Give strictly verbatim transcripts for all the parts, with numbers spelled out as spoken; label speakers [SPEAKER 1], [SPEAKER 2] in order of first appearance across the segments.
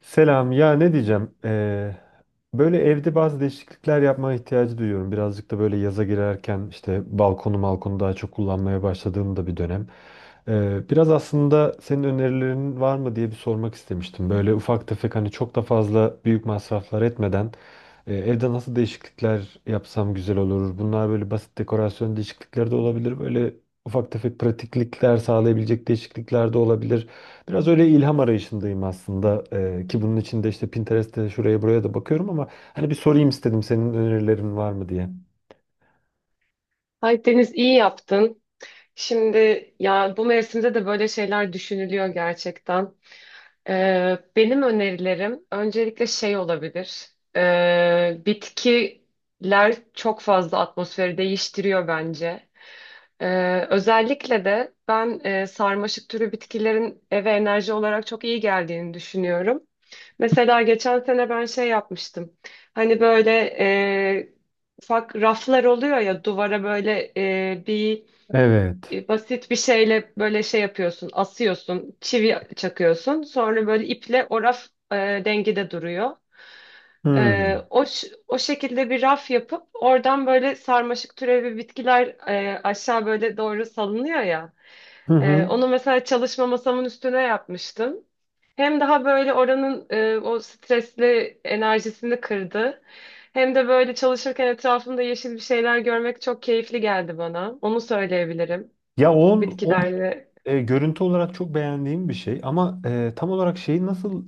[SPEAKER 1] Selam. Ya ne diyeceğim? Ee, böyle evde bazı değişiklikler yapmaya ihtiyacı duyuyorum. Birazcık da böyle yaza girerken işte balkonu balkonu daha çok kullanmaya başladığım da bir dönem. Ee, biraz aslında senin önerilerin var mı diye bir sormak istemiştim. Böyle ufak tefek hani çok da fazla büyük masraflar etmeden e, evde nasıl değişiklikler yapsam güzel olur? Bunlar böyle basit dekorasyon değişiklikleri de olabilir. Böyle ufak tefek pratiklikler sağlayabilecek değişiklikler de olabilir. Biraz öyle ilham arayışındayım aslında, Ee, ki bunun için de işte Pinterest'te şuraya buraya da bakıyorum ama hani bir sorayım istedim senin önerilerin var mı diye.
[SPEAKER 2] Ay Deniz iyi yaptın. Şimdi ya bu mevsimde de böyle şeyler düşünülüyor gerçekten. Ee, benim önerilerim öncelikle şey olabilir. Ee, bitkiler çok fazla atmosferi değiştiriyor bence. Ee, özellikle de ben e, sarmaşık türü bitkilerin eve enerji olarak çok iyi geldiğini düşünüyorum. Mesela geçen sene ben şey yapmıştım. Hani böyle e, ufak raflar oluyor ya duvara böyle e, bir
[SPEAKER 1] Evet.
[SPEAKER 2] e, basit bir şeyle böyle şey yapıyorsun, asıyorsun, çivi çakıyorsun. Sonra böyle iple o raf e, dengede duruyor. E,
[SPEAKER 1] Hmm.
[SPEAKER 2] o, ş- o şekilde bir raf yapıp oradan böyle sarmaşık türevi bitkiler e, aşağı böyle doğru salınıyor ya.
[SPEAKER 1] Hı
[SPEAKER 2] E,
[SPEAKER 1] hı.
[SPEAKER 2] onu mesela çalışma masamın üstüne yapmıştım. Hem daha böyle oranın e, o stresli enerjisini kırdı. Hem de böyle çalışırken etrafımda yeşil bir şeyler görmek çok keyifli geldi bana. Onu söyleyebilirim
[SPEAKER 1] Ya on, o
[SPEAKER 2] bitkilerle.
[SPEAKER 1] e, görüntü olarak çok beğendiğim bir şey ama e, tam olarak şeyi nasıl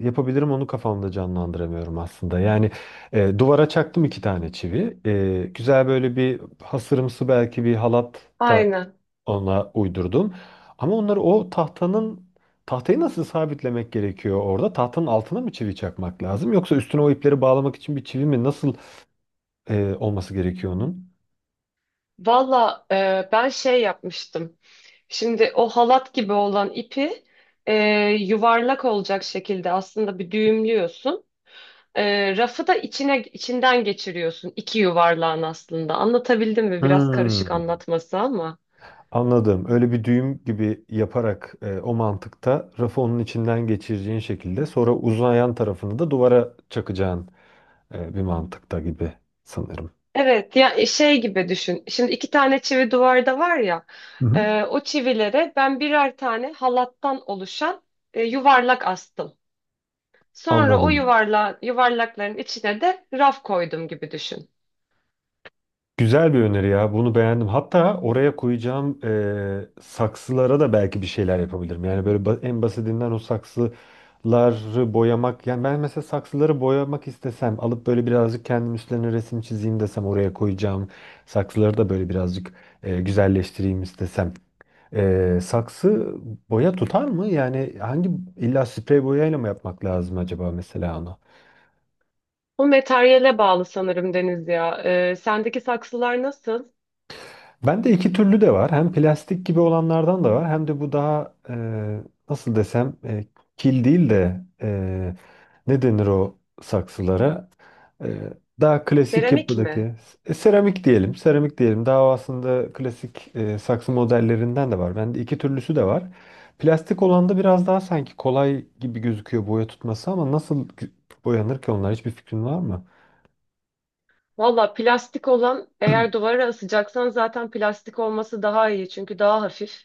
[SPEAKER 1] e, yapabilirim onu kafamda canlandıramıyorum aslında. Yani e, duvara çaktım iki tane çivi. E, güzel böyle bir hasırımsı belki bir halat
[SPEAKER 2] Aynen.
[SPEAKER 1] ona uydurdum. Ama onları o tahtanın tahtayı nasıl sabitlemek gerekiyor orada? Tahtanın altına mı çivi çakmak lazım? Yoksa üstüne o ipleri bağlamak için bir çivi mi? Nasıl e, olması gerekiyor onun?
[SPEAKER 2] Valla e, ben şey yapmıştım. Şimdi o halat gibi olan ipi e, yuvarlak olacak şekilde aslında bir düğümlüyorsun. E, rafı da içine içinden geçiriyorsun. İki yuvarlağın aslında. Anlatabildim mi? Biraz karışık
[SPEAKER 1] Hmm,
[SPEAKER 2] anlatması ama.
[SPEAKER 1] anladım. Öyle bir düğüm gibi yaparak e, o mantıkta rafı onun içinden geçireceğin şekilde sonra uzayan tarafını da duvara çakacağın e, bir mantıkta gibi sanırım.
[SPEAKER 2] Evet, ya e, şey gibi düşün. Şimdi iki tane çivi duvarda var ya.
[SPEAKER 1] Hı hı.
[SPEAKER 2] E, o çivilere ben birer tane halattan oluşan e, yuvarlak astım. Sonra o
[SPEAKER 1] Anladım.
[SPEAKER 2] yuvarla, yuvarlakların içine de raf koydum gibi düşün.
[SPEAKER 1] Güzel bir öneri ya. Bunu beğendim. Hatta oraya koyacağım, eee, saksılara da belki bir şeyler yapabilirim. Yani böyle ba- en basitinden o saksıları boyamak. Yani ben mesela saksıları boyamak istesem alıp böyle birazcık kendim üstlerine resim çizeyim desem oraya koyacağım. Saksıları da böyle birazcık eee, güzelleştireyim istesem. Eee, saksı boya tutar mı? Yani hangi, illa sprey boyayla mı yapmak lazım acaba mesela onu?
[SPEAKER 2] Bu materyale bağlı sanırım Deniz ya. Ee, sendeki saksılar nasıl?
[SPEAKER 1] Bende iki türlü de var. Hem plastik gibi olanlardan da var. Hem de bu daha, e, nasıl desem, e, kil değil de e, ne denir o saksılara? E, daha klasik
[SPEAKER 2] Seramik mi?
[SPEAKER 1] yapıdaki e, seramik diyelim. Seramik diyelim. Daha aslında klasik e, saksı modellerinden de var. Bende iki türlüsü de var. Plastik olan da biraz daha sanki kolay gibi gözüküyor boya tutması, ama nasıl boyanır ki onlar? Hiçbir fikrin var mı?
[SPEAKER 2] Valla plastik olan eğer duvara asacaksan zaten plastik olması daha iyi çünkü daha hafif.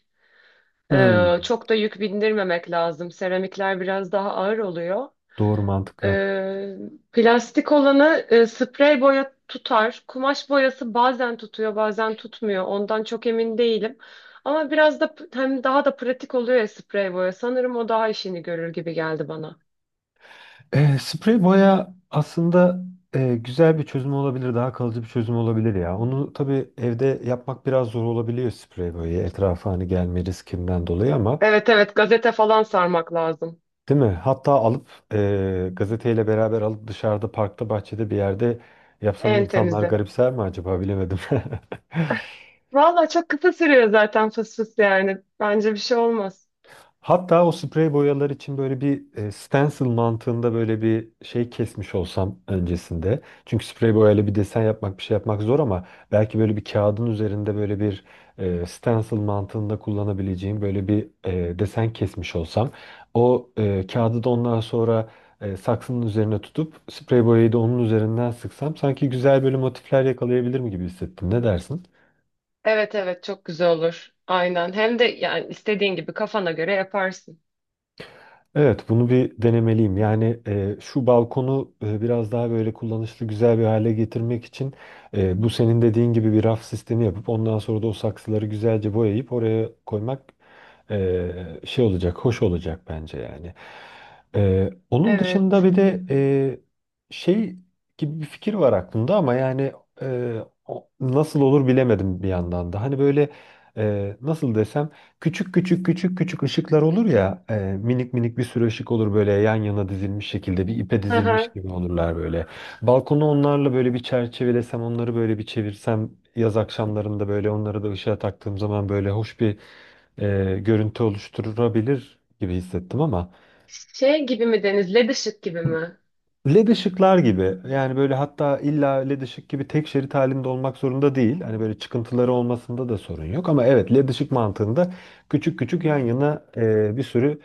[SPEAKER 1] Hmm,
[SPEAKER 2] Ee, çok da yük bindirmemek lazım. Seramikler biraz daha ağır oluyor.
[SPEAKER 1] doğru, mantıklı.
[SPEAKER 2] Ee, Plastik olanı e, sprey boya tutar. Kumaş boyası bazen tutuyor, bazen tutmuyor. Ondan çok emin değilim. Ama biraz da p- hem daha da pratik oluyor ya sprey boya. Sanırım o daha işini görür gibi geldi bana.
[SPEAKER 1] E, sprey boya aslında e, güzel bir çözüm olabilir, daha kalıcı bir çözüm olabilir ya. Onu tabii evde yapmak biraz zor olabiliyor, sprey boyayı etrafa hani gelme riskinden dolayı ama,
[SPEAKER 2] Evet, evet, gazete falan sarmak lazım.
[SPEAKER 1] değil mi? Hatta alıp e, gazeteyle beraber alıp dışarıda parkta bahçede bir yerde yapsam
[SPEAKER 2] En
[SPEAKER 1] insanlar
[SPEAKER 2] temizi.
[SPEAKER 1] garipser mi acaba, bilemedim.
[SPEAKER 2] Valla çok kısa sürüyor zaten fıs fıs yani. Bence bir şey olmaz.
[SPEAKER 1] Hatta o sprey boyalar için böyle bir e, stencil mantığında böyle bir şey kesmiş olsam öncesinde. Çünkü sprey boyayla bir desen yapmak, bir şey yapmak zor, ama belki böyle bir kağıdın üzerinde böyle bir e, stencil mantığında kullanabileceğim böyle bir e, desen kesmiş olsam. O e, kağıdı da ondan sonra e, saksının üzerine tutup sprey boyayı da onun üzerinden sıksam sanki güzel böyle motifler yakalayabilirim gibi hissettim. Ne dersin?
[SPEAKER 2] Evet, evet, çok güzel olur. Aynen. Hem de yani istediğin gibi kafana göre yaparsın.
[SPEAKER 1] Evet, bunu bir denemeliyim. Yani e, şu balkonu e, biraz daha böyle kullanışlı, güzel bir hale getirmek için e, bu senin dediğin gibi bir raf sistemi yapıp ondan sonra da o saksıları güzelce boyayıp oraya koymak e, şey olacak, hoş olacak bence yani. E, onun dışında
[SPEAKER 2] Evet.
[SPEAKER 1] bir de e, şey gibi bir fikir var aklımda ama yani, e, o- nasıl olur bilemedim bir yandan da. Hani böyle, e, nasıl desem. Küçük küçük küçük küçük ışıklar olur ya, e, minik minik bir sürü ışık olur, böyle yan yana dizilmiş şekilde, bir ipe dizilmiş gibi olurlar böyle. Balkonu onlarla böyle bir çerçevelesem, onları böyle bir çevirsem, yaz akşamlarında böyle onları da ışığa taktığım zaman böyle hoş bir e, görüntü oluşturabilir gibi hissettim ama.
[SPEAKER 2] Şey gibi mi Deniz? Led ışık gibi mi?
[SPEAKER 1] L E D ışıklar gibi, yani böyle hatta illa L E D ışık gibi tek şerit halinde olmak zorunda değil. Hani böyle çıkıntıları olmasında da sorun yok, ama evet, L E D ışık mantığında küçük küçük yan yana e, bir sürü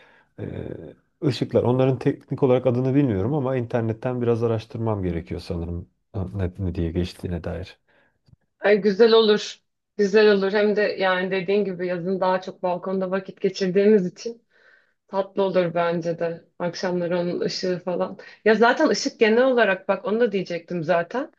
[SPEAKER 1] e, ışıklar. Onların teknik olarak adını bilmiyorum ama internetten biraz araştırmam gerekiyor sanırım ne, ne diye geçtiğine dair.
[SPEAKER 2] Ay, güzel olur. Güzel olur. Hem de yani dediğin gibi yazın daha çok balkonda vakit geçirdiğimiz için tatlı olur bence de. Akşamları onun ışığı falan. Ya zaten ışık genel olarak bak onu da diyecektim zaten.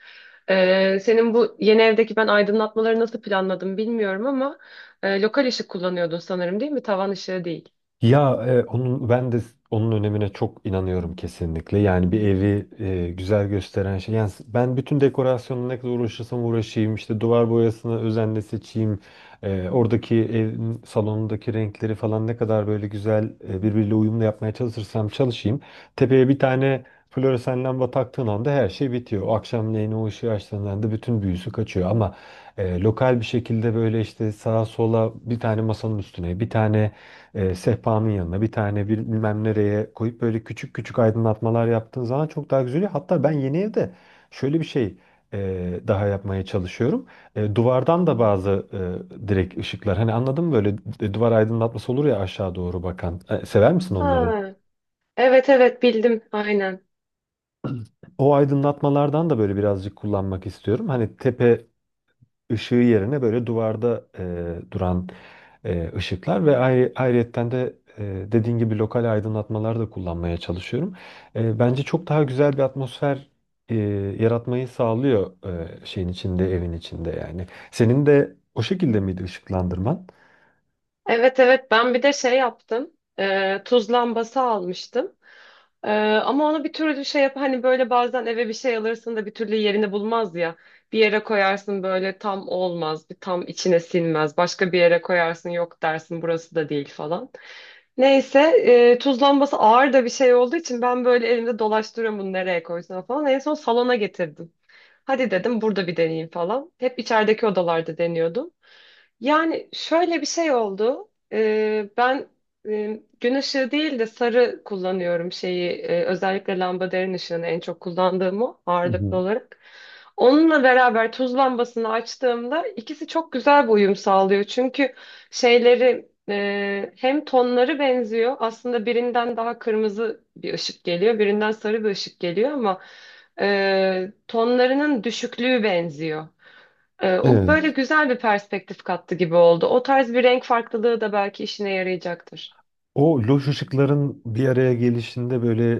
[SPEAKER 2] Ee, senin bu yeni evdeki ben aydınlatmaları nasıl planladım bilmiyorum ama e, lokal ışık kullanıyordun sanırım değil mi? Tavan ışığı değil.
[SPEAKER 1] Ya e, onun ben de onun önemine çok inanıyorum kesinlikle. Yani bir evi e, güzel gösteren şey. Yani s- ben bütün dekorasyonla ne kadar uğraşırsam uğraşayım, işte duvar boyasını özenle seçeyim, e, oradaki evin salonundaki renkleri falan ne kadar böyle güzel e, birbiriyle uyumlu yapmaya çalışırsam çalışayım. Tepeye bir tane floresan lamba taktığın anda her şey bitiyor. O akşamleyin o ışığı açtığında anda bütün büyüsü kaçıyor, ama e, lokal bir şekilde böyle işte sağa sola, bir tane masanın üstüne, bir tane e, sehpanın yanına, bir tane bir bilmem nereye koyup böyle küçük küçük aydınlatmalar yaptığın zaman çok daha güzel oluyor. Hatta ben yeni evde şöyle bir şey e, daha yapmaya çalışıyorum. E, duvardan da bazı e, direkt ışıklar, hani anladın mı, böyle d- duvar aydınlatması olur ya, aşağı doğru bakan. E, sever misin onları?
[SPEAKER 2] Ha, evet, evet, bildim aynen.
[SPEAKER 1] O aydınlatmalardan da böyle birazcık kullanmak istiyorum. Hani tepe ışığı yerine böyle duvarda e, duran e, ışıklar ve ayrı, ayrıyetten de e, dediğin gibi lokal aydınlatmalar da kullanmaya çalışıyorum. E, bence çok daha güzel bir atmosfer e, yaratmayı sağlıyor e, şeyin içinde, evin içinde yani. Senin de o şekilde miydi ışıklandırman?
[SPEAKER 2] Evet, evet, ben bir de şey yaptım. Ee, tuz lambası almıştım. Ee, Ama onu bir türlü şey yap hani böyle bazen eve bir şey alırsın da bir türlü yerini bulmaz ya. Bir yere koyarsın böyle tam olmaz, bir tam içine sinmez. Başka bir yere koyarsın yok dersin burası da değil falan. Neyse e, tuz lambası ağır da bir şey olduğu için ben böyle elimde dolaştırıyorum bunu nereye koysam falan. En son salona getirdim. Hadi dedim burada bir deneyeyim falan. Hep içerideki odalarda deniyordum. Yani şöyle bir şey oldu. Ee, ben e, gün ışığı değil de sarı kullanıyorum şeyi. E, özellikle lambaderin ışığını en çok kullandığım o
[SPEAKER 1] Hı
[SPEAKER 2] ağırlıklı
[SPEAKER 1] hı.
[SPEAKER 2] olarak. Onunla beraber tuz lambasını açtığımda ikisi çok güzel bir uyum sağlıyor. Çünkü şeyleri e, hem tonları benziyor. Aslında birinden daha kırmızı bir ışık geliyor, birinden sarı bir ışık geliyor ama e, tonlarının düşüklüğü benziyor. Ee, o böyle
[SPEAKER 1] Evet.
[SPEAKER 2] güzel bir perspektif kattı gibi oldu. O tarz bir renk farklılığı da belki işine yarayacaktır.
[SPEAKER 1] O loş ışıkların bir araya gelişinde böyle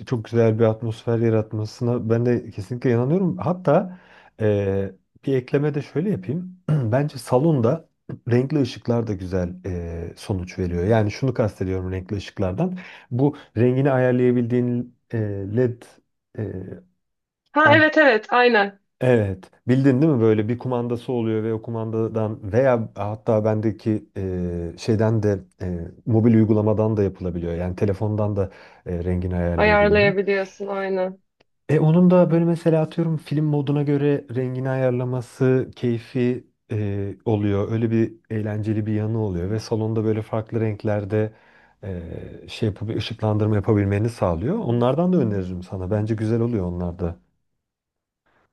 [SPEAKER 1] e, çok güzel bir atmosfer yaratmasına ben de kesinlikle inanıyorum. Hatta e, bir ekleme de şöyle yapayım. Bence salonda renkli ışıklar da güzel e, sonuç veriyor. Yani şunu kastediyorum renkli ışıklardan. Bu rengini ayarlayabildiğin e, L E D e,
[SPEAKER 2] Ha, evet, evet, aynen.
[SPEAKER 1] Evet. Bildin, değil mi? Böyle bir kumandası oluyor ve o kumandadan veya hatta bendeki e, şeyden de, e, mobil uygulamadan da yapılabiliyor. Yani telefondan da e, rengini ayarlayabiliyorum.
[SPEAKER 2] Ayarlayabiliyorsun aynen.
[SPEAKER 1] E onun da böyle mesela atıyorum film moduna göre rengini ayarlaması keyfi e, oluyor. Öyle bir eğlenceli bir yanı oluyor ve salonda böyle farklı renklerde e, şey yapıp ışıklandırma yapabilmeni sağlıyor. Onlardan da öneririm sana. Bence güzel oluyor onlar da.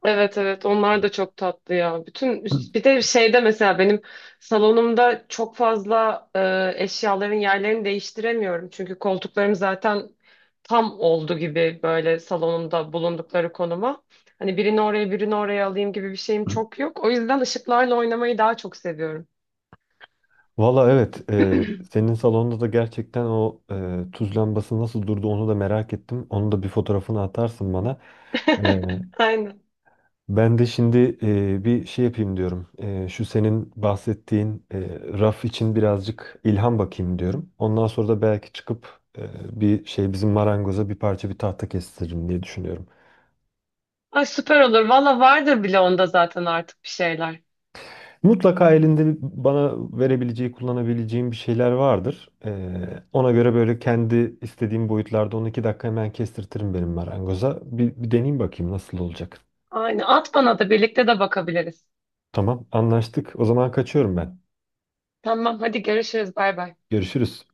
[SPEAKER 2] Evet, evet, onlar da çok tatlı ya. Bütün bir de şeyde mesela benim salonumda çok fazla e, eşyaların yerlerini değiştiremiyorum. Çünkü koltuklarım zaten tam oldu gibi böyle salonumda bulundukları konuma. Hani birini oraya birini oraya alayım gibi bir şeyim çok yok. O yüzden ışıklarla oynamayı daha çok seviyorum.
[SPEAKER 1] Valla evet, e, Hmm. senin salonda da gerçekten o e, tuz lambası nasıl durdu onu da merak ettim. Onu da bir fotoğrafını atarsın bana. E,
[SPEAKER 2] Aynen.
[SPEAKER 1] ben de şimdi e, bir şey yapayım diyorum. E, şu senin bahsettiğin e, raf için birazcık ilham bakayım diyorum. Ondan sonra da belki çıkıp e, bir şey bizim marangoza bir parça bir tahta kestiririm diye düşünüyorum.
[SPEAKER 2] Ay, süper olur. Valla vardır bile onda zaten artık bir şeyler.
[SPEAKER 1] Mutlaka elinde bir- bana verebileceği, kullanabileceğim bir şeyler vardır. Ee, ona göre böyle kendi istediğim boyutlarda on iki dakika hemen kestirtirim benim marangoza. Bir, bir deneyeyim bakayım nasıl olacak.
[SPEAKER 2] Aynen. At bana, da birlikte de bakabiliriz.
[SPEAKER 1] Tamam, anlaştık. O zaman kaçıyorum ben.
[SPEAKER 2] Tamam, hadi görüşürüz. Bay bay.
[SPEAKER 1] Görüşürüz.